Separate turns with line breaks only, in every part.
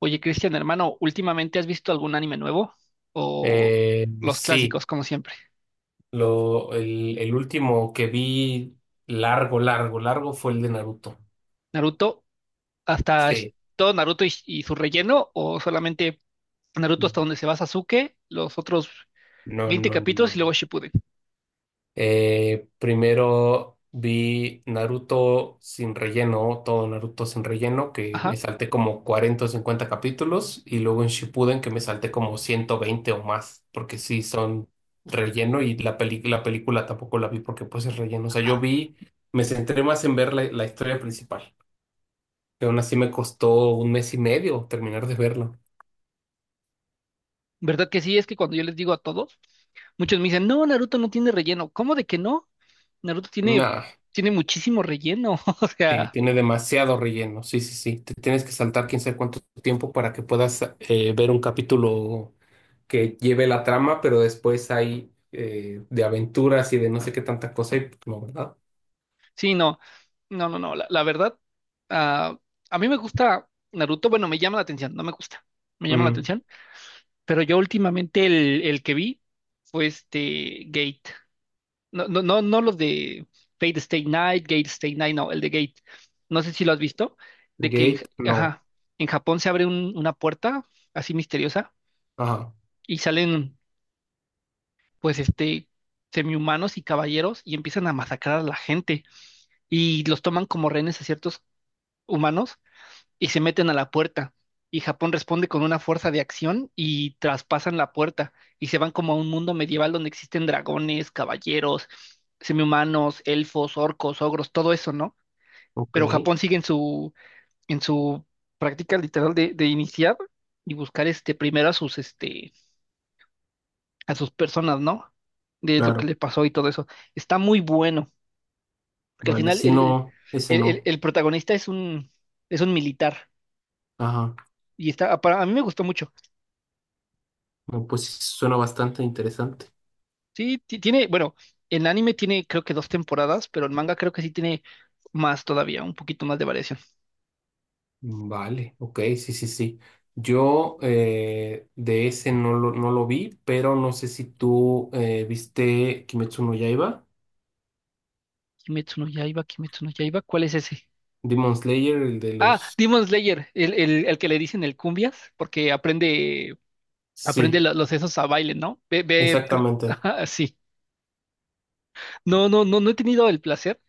Oye, Cristian, hermano, ¿últimamente has visto algún anime nuevo? ¿O
Eh,
los
sí,
clásicos, como siempre?
el último que vi largo, largo, largo fue el de Naruto.
¿Naruto? ¿Hasta
Sí,
todo Naruto y su relleno? ¿O solamente Naruto hasta donde se va Sasuke, los otros
no,
20
no,
capítulos
no.
y luego Shippuden?
Primero vi Naruto sin relleno, todo Naruto sin relleno, que
Ajá.
me salté como 40 o 50 capítulos, y luego en Shippuden que me salté como 120 o más, porque sí son relleno y la película tampoco la vi porque pues es relleno. O sea, yo vi, me centré más en ver la historia principal. Que aún así me costó un mes y medio terminar de verlo.
¿Verdad que sí? Es que cuando yo les digo a todos, muchos me dicen, no, Naruto no tiene relleno. ¿Cómo de que no? Naruto tiene,
Nah,
tiene muchísimo relleno. O
sí,
sea,
tiene demasiado relleno. Sí, sí, sí. Te tienes que saltar quién sabe cuánto tiempo para que puedas ver un capítulo que lleve la trama, pero después hay de aventuras y de no sé qué tanta cosa y pues, no, ¿verdad?
sí, no, no, no, no, la verdad, ah, a mí me gusta Naruto, bueno, me llama la atención, no me gusta, me llama la
Mm,
atención, pero yo últimamente el que vi fue este Gate, no, no, no, no los de Fate Stay Night, Gate Stay Night, no, el de Gate, no sé si lo has visto, de que en,
Gate, no.
Ajá, en Japón se abre una puerta así misteriosa
Ajá,
y salen pues semihumanos y caballeros y empiezan a masacrar a la gente y los toman como rehenes a ciertos humanos y se meten a la puerta. Y Japón responde con una fuerza de acción y traspasan la puerta y se van como a un mundo medieval donde existen dragones, caballeros, semihumanos, elfos, orcos, ogros, todo eso, ¿no?
ok,
Pero Japón sigue en su práctica literal de iniciar y buscar primero a sus personas, ¿no? De lo que
claro,
le pasó y todo eso. Está muy bueno, porque al
vale.
final
Si
el,
no, ese
el, el-
no.
el protagonista es un militar.
Ajá,
A mí me gustó mucho.
no, pues sí, suena bastante interesante.
Sí, tiene, bueno, el anime tiene creo que dos temporadas, pero el manga creo que sí tiene más todavía, un poquito más de variación.
Vale, ok, sí, sí, sí. Yo de ese no lo vi, pero no sé si tú viste Kimetsu no Yaiba,
Kimetsu no Yaiba, ¿cuál es ese?
Demon Slayer, el de
Ah,
los...
Demon Slayer, el que le dicen el cumbias, porque aprende
Sí,
los esos a baile, ¿no? Ve, ve,
exactamente,
ajá, sí. No, no, no, no he tenido el placer.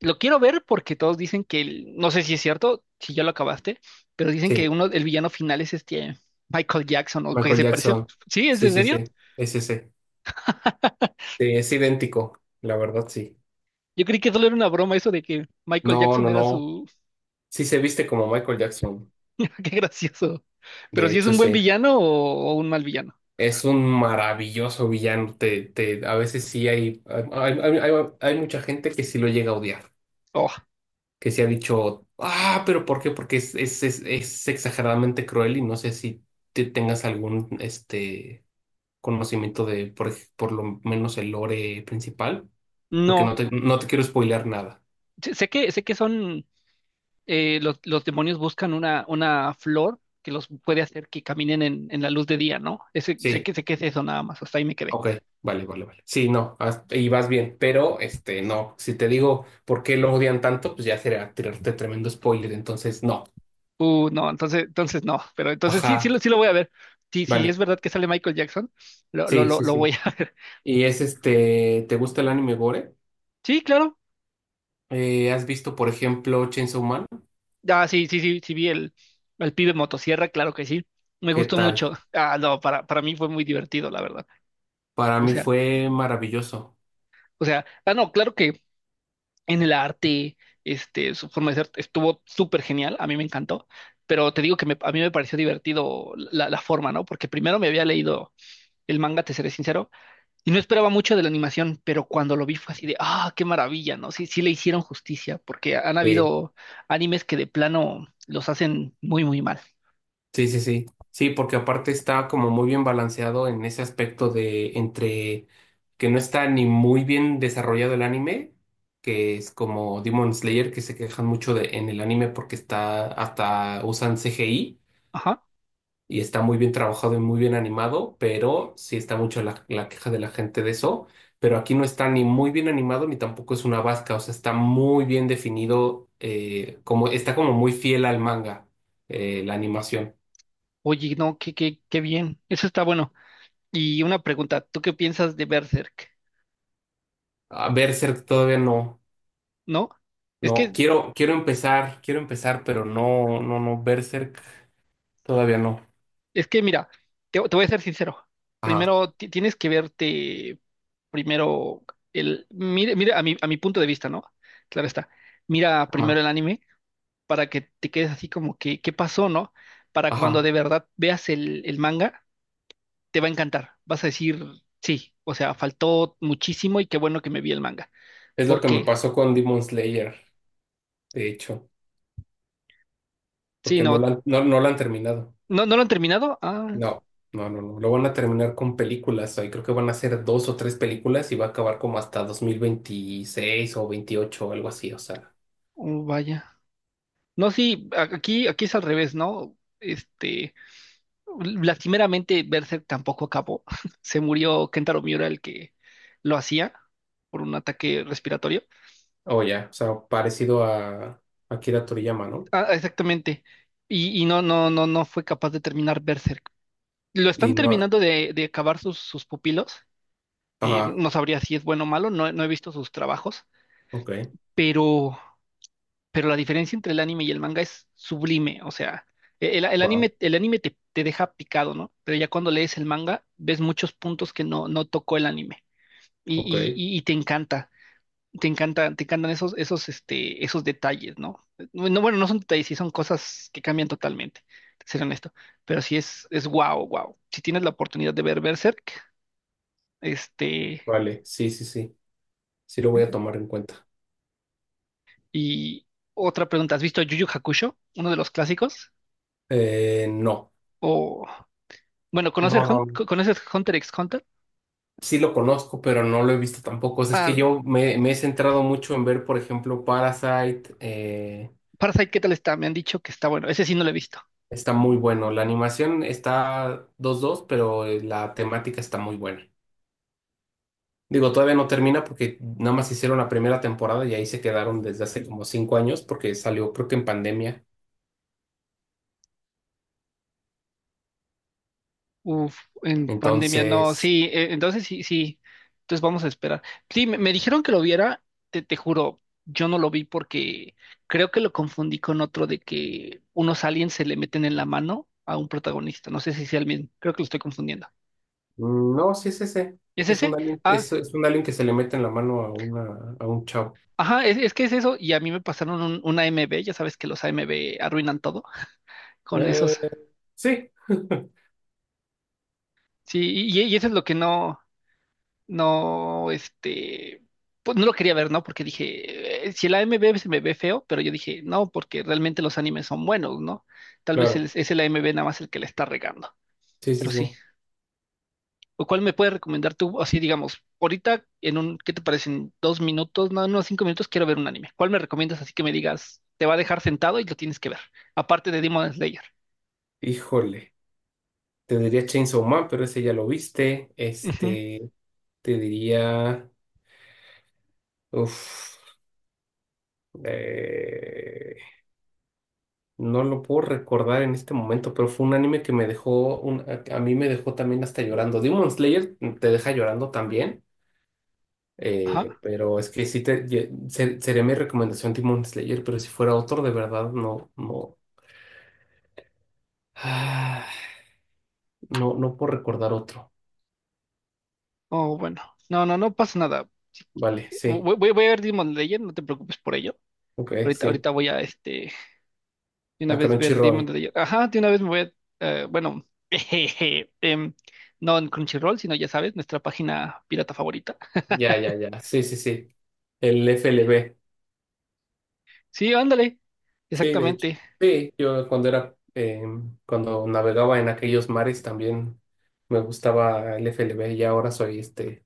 Lo quiero ver porque todos dicen que, no sé si es cierto, si ya lo acabaste, pero dicen que
sí,
uno, el villano final es Michael Jackson, o que
Michael
se parece.
Jackson.
¿Sí? ¿Es
Sí,
en
sí,
serio?
sí, es ese. Sí, es idéntico, la verdad, sí.
Yo creí que solo era una broma eso de que Michael
No,
Jackson
no,
era
no.
su...
Sí se viste como Michael Jackson,
Qué gracioso. Pero
de
si es
hecho,
un buen
sí.
villano o un mal villano.
Es un maravilloso villano. Te, a veces sí hay mucha gente que sí lo llega a odiar.
Oh,
Que se ha dicho, ah, pero ¿por qué? Porque es exageradamente cruel y no sé si te tengas algún este, conocimiento de, por lo menos, el lore principal, porque
no.
no te quiero spoilear nada.
Sé que son... los demonios buscan una flor que los puede hacer que caminen en la luz de día, ¿no? Ese, sé
Sí,
que, sé que es eso nada más. Hasta ahí me quedé.
ok, vale, vale, vale. Sí, no, y vas bien, pero este, no, si te digo por qué lo odian tanto, pues ya sería tirarte tremendo spoiler, entonces no.
No, entonces no. Pero entonces sí, sí,
Ajá,
sí lo voy a ver. Sí, sí, es
vale,
verdad que sale Michael Jackson. Lo, lo,
sí,
lo,
sí,
lo voy
sí.
a ver.
Y es este, ¿te gusta el anime gore?
Sí, claro.
¿Has visto, por ejemplo, Chainsaw Man?
Ah, sí, sí, sí, sí vi el pibe motosierra, claro que sí. Me
¿Qué
gustó
tal?
mucho. Ah, no, para mí fue muy divertido, la verdad.
Para
O
mí
sea,
fue maravilloso.
o sea, no, claro que en el arte, su forma de ser estuvo súper genial, a mí me encantó, pero te digo que a mí me pareció divertido la forma, ¿no? Porque primero me había leído el manga, te seré sincero, y no esperaba mucho de la animación, pero cuando lo vi fue así de, ah, qué maravilla, ¿no? Sí, sí le hicieron justicia, porque han
Sí,
habido animes que de plano los hacen muy, muy mal.
sí, sí. Sí, sí, porque aparte está como muy bien balanceado en ese aspecto de entre que no está ni muy bien desarrollado el anime, que es como Demon Slayer, que se quejan mucho de, en el anime porque está hasta usan CGI. Y está muy bien trabajado y muy bien animado, pero sí está mucho la queja de la gente de eso. Pero aquí no está ni muy bien animado ni tampoco es una vasca, o sea, está muy bien definido, como, está como muy fiel al manga, la animación.
Oye, no, qué bien. Eso está bueno. Y una pregunta, ¿tú qué piensas de Berserk?
A Berserk todavía no,
¿No? Es
no,
que,
quiero empezar, pero no, no, no, Berserk todavía no.
es que mira, te voy a ser sincero.
Ajá,
Primero tienes que verte primero mire, mire, a mi punto de vista, ¿no? Claro está. Mira primero
ajá,
el anime para que te quedes así como que, ¿qué pasó, no? Para cuando
ajá.
de verdad veas el manga, te va a encantar. Vas a decir, sí, o sea, faltó muchísimo y qué bueno que me vi el manga.
Es lo que me
Porque,
pasó con Demon Slayer, de hecho,
sí,
porque
no.
no la han terminado.
¿No, no lo han terminado? Ah,
No, no, no, no. Lo van a terminar con películas. Ahí creo que van a ser dos o tres películas y va a acabar como hasta 2026 o 28 o algo así. O sea,
oh, vaya. No, sí, aquí es al revés, ¿no? Lastimeramente Berserk tampoco acabó. Se murió Kentaro Miura, el que lo hacía por un ataque respiratorio.
o ya, o sea, parecido a Akira Toriyama, ¿no?
Ah, exactamente. Y no, no, no, no fue capaz de terminar Berserk. Lo
Y
están
no,
terminando de acabar sus pupilos.
ajá,
No sabría si es bueno o malo, no, no he visto sus trabajos,
ok,
pero la diferencia entre el anime y el manga es sublime, o sea, el
wow,
anime, el anime, te deja picado, ¿no? Pero ya cuando lees el manga, ves muchos puntos que no tocó el anime y,
ok,
y, y y te encanta, te encantan esos detalles, ¿no? No, no, bueno, no son detalles, sí son cosas que cambian totalmente, te seré honesto, pero sí es wow, wow. Si tienes la oportunidad de ver Berserk, este,
vale, sí, sí, sí. Sí lo voy a tomar en cuenta.
y otra pregunta, ¿has visto Yu Yu Hakusho, uno de los clásicos?
No,
O Bueno,
no, no. No.
¿Conoces Hunter x Hunter?
Sí lo conozco, pero no lo he visto tampoco. O sea, es que
Ah,
yo me he centrado mucho en ver, por ejemplo, Parasite.
Parasite, ¿qué tal está? Me han dicho que está bueno. Ese sí no lo he visto.
Está muy bueno. La animación está dos dos pero la temática está muy buena. Digo, todavía no termina porque nada más hicieron la primera temporada y ahí se quedaron desde hace como 5 años porque salió creo que en pandemia.
Uf, en pandemia no.
Entonces,
Sí, entonces sí, sí. Entonces vamos a esperar. Sí, me dijeron que lo viera, te juro, yo no lo vi porque creo que lo confundí con otro de que unos aliens se le meten en la mano a un protagonista. No sé si sea el mismo. Creo que lo estoy confundiendo.
no, sí es ese.
¿Es
Es un
ese?
alien,
Ah,
es un alien que se le mete en la mano a un chavo.
ajá, es que es eso. Y a mí me pasaron una AMB, ya sabes que los AMB arruinan todo con
Eh,
esos.
sí,
Sí, y eso es lo que no, este, pues no lo quería ver, ¿no? Porque dije, si el AMB se me ve feo, pero yo dije, no, porque realmente los animes son buenos, ¿no? Tal vez
claro.
es el AMB nada más el que le está regando,
Sí, sí,
pero
sí.
sí. ¿O cuál me puedes recomendar tú? Así, digamos, ahorita ¿qué te parecen? 2 minutos, no, no, 5 minutos, quiero ver un anime. ¿Cuál me recomiendas así que me digas, te va a dejar sentado y lo tienes que ver? Aparte de Demon Slayer.
Híjole. Te diría Chainsaw Man, pero ese ya lo viste.
Ujú,
Este, te diría. Uf. Eh, no lo puedo recordar en este momento, pero fue un anime que me dejó, a mí me dejó también hasta llorando. Demon Slayer te deja llorando también,
ajá.
pero es que sí sería mi recomendación Demon Slayer, pero si fuera otro de verdad, no, no, ah, no, no puedo recordar otro.
Oh, bueno. No, no, no pasa nada.
Vale, sí,
Voy a ver Demon Slayer, no te preocupes por ello.
ok,
Ahorita,
sí.
ahorita voy a, de una
A
vez ver Demon
Crunchyroll.
Slayer. Ajá, de una vez me voy a, bueno, jejeje, no en Crunchyroll, sino ya sabes, nuestra página pirata favorita.
Ya, ya, ya. Sí, sí, sí. El FLB.
Sí, ándale,
Sí, de hecho.
exactamente.
Sí, yo cuando era, cuando navegaba en aquellos mares también me gustaba el F L FLB y ahora soy este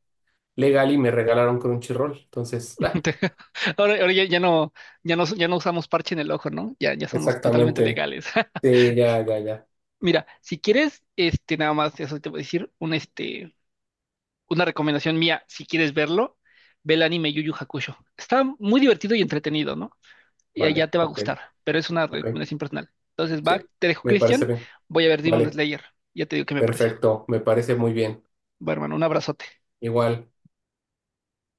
legal y me regalaron Crunchyroll. Entonces, ah,
Ahora ya, ya no, ya no, ya no usamos parche en el ojo, ¿no? Ya, ya somos totalmente
exactamente.
legales.
Sí, ya, ya, ya.
Mira, si quieres, nada más, eso te voy a decir, una recomendación mía, si quieres verlo, ve el anime Yu Yu Hakusho. Está muy divertido y entretenido, ¿no? Y allá
Vale,
te va a
ok,
gustar, pero es una
ok.
recomendación personal. Entonces, va,
Sí,
te dejo,
me parece
Cristian.
bien.
Voy a ver Demon
Vale,
Slayer. Ya te digo qué me pareció.
perfecto, me parece muy bien.
Va, hermano, un abrazote.
Igual.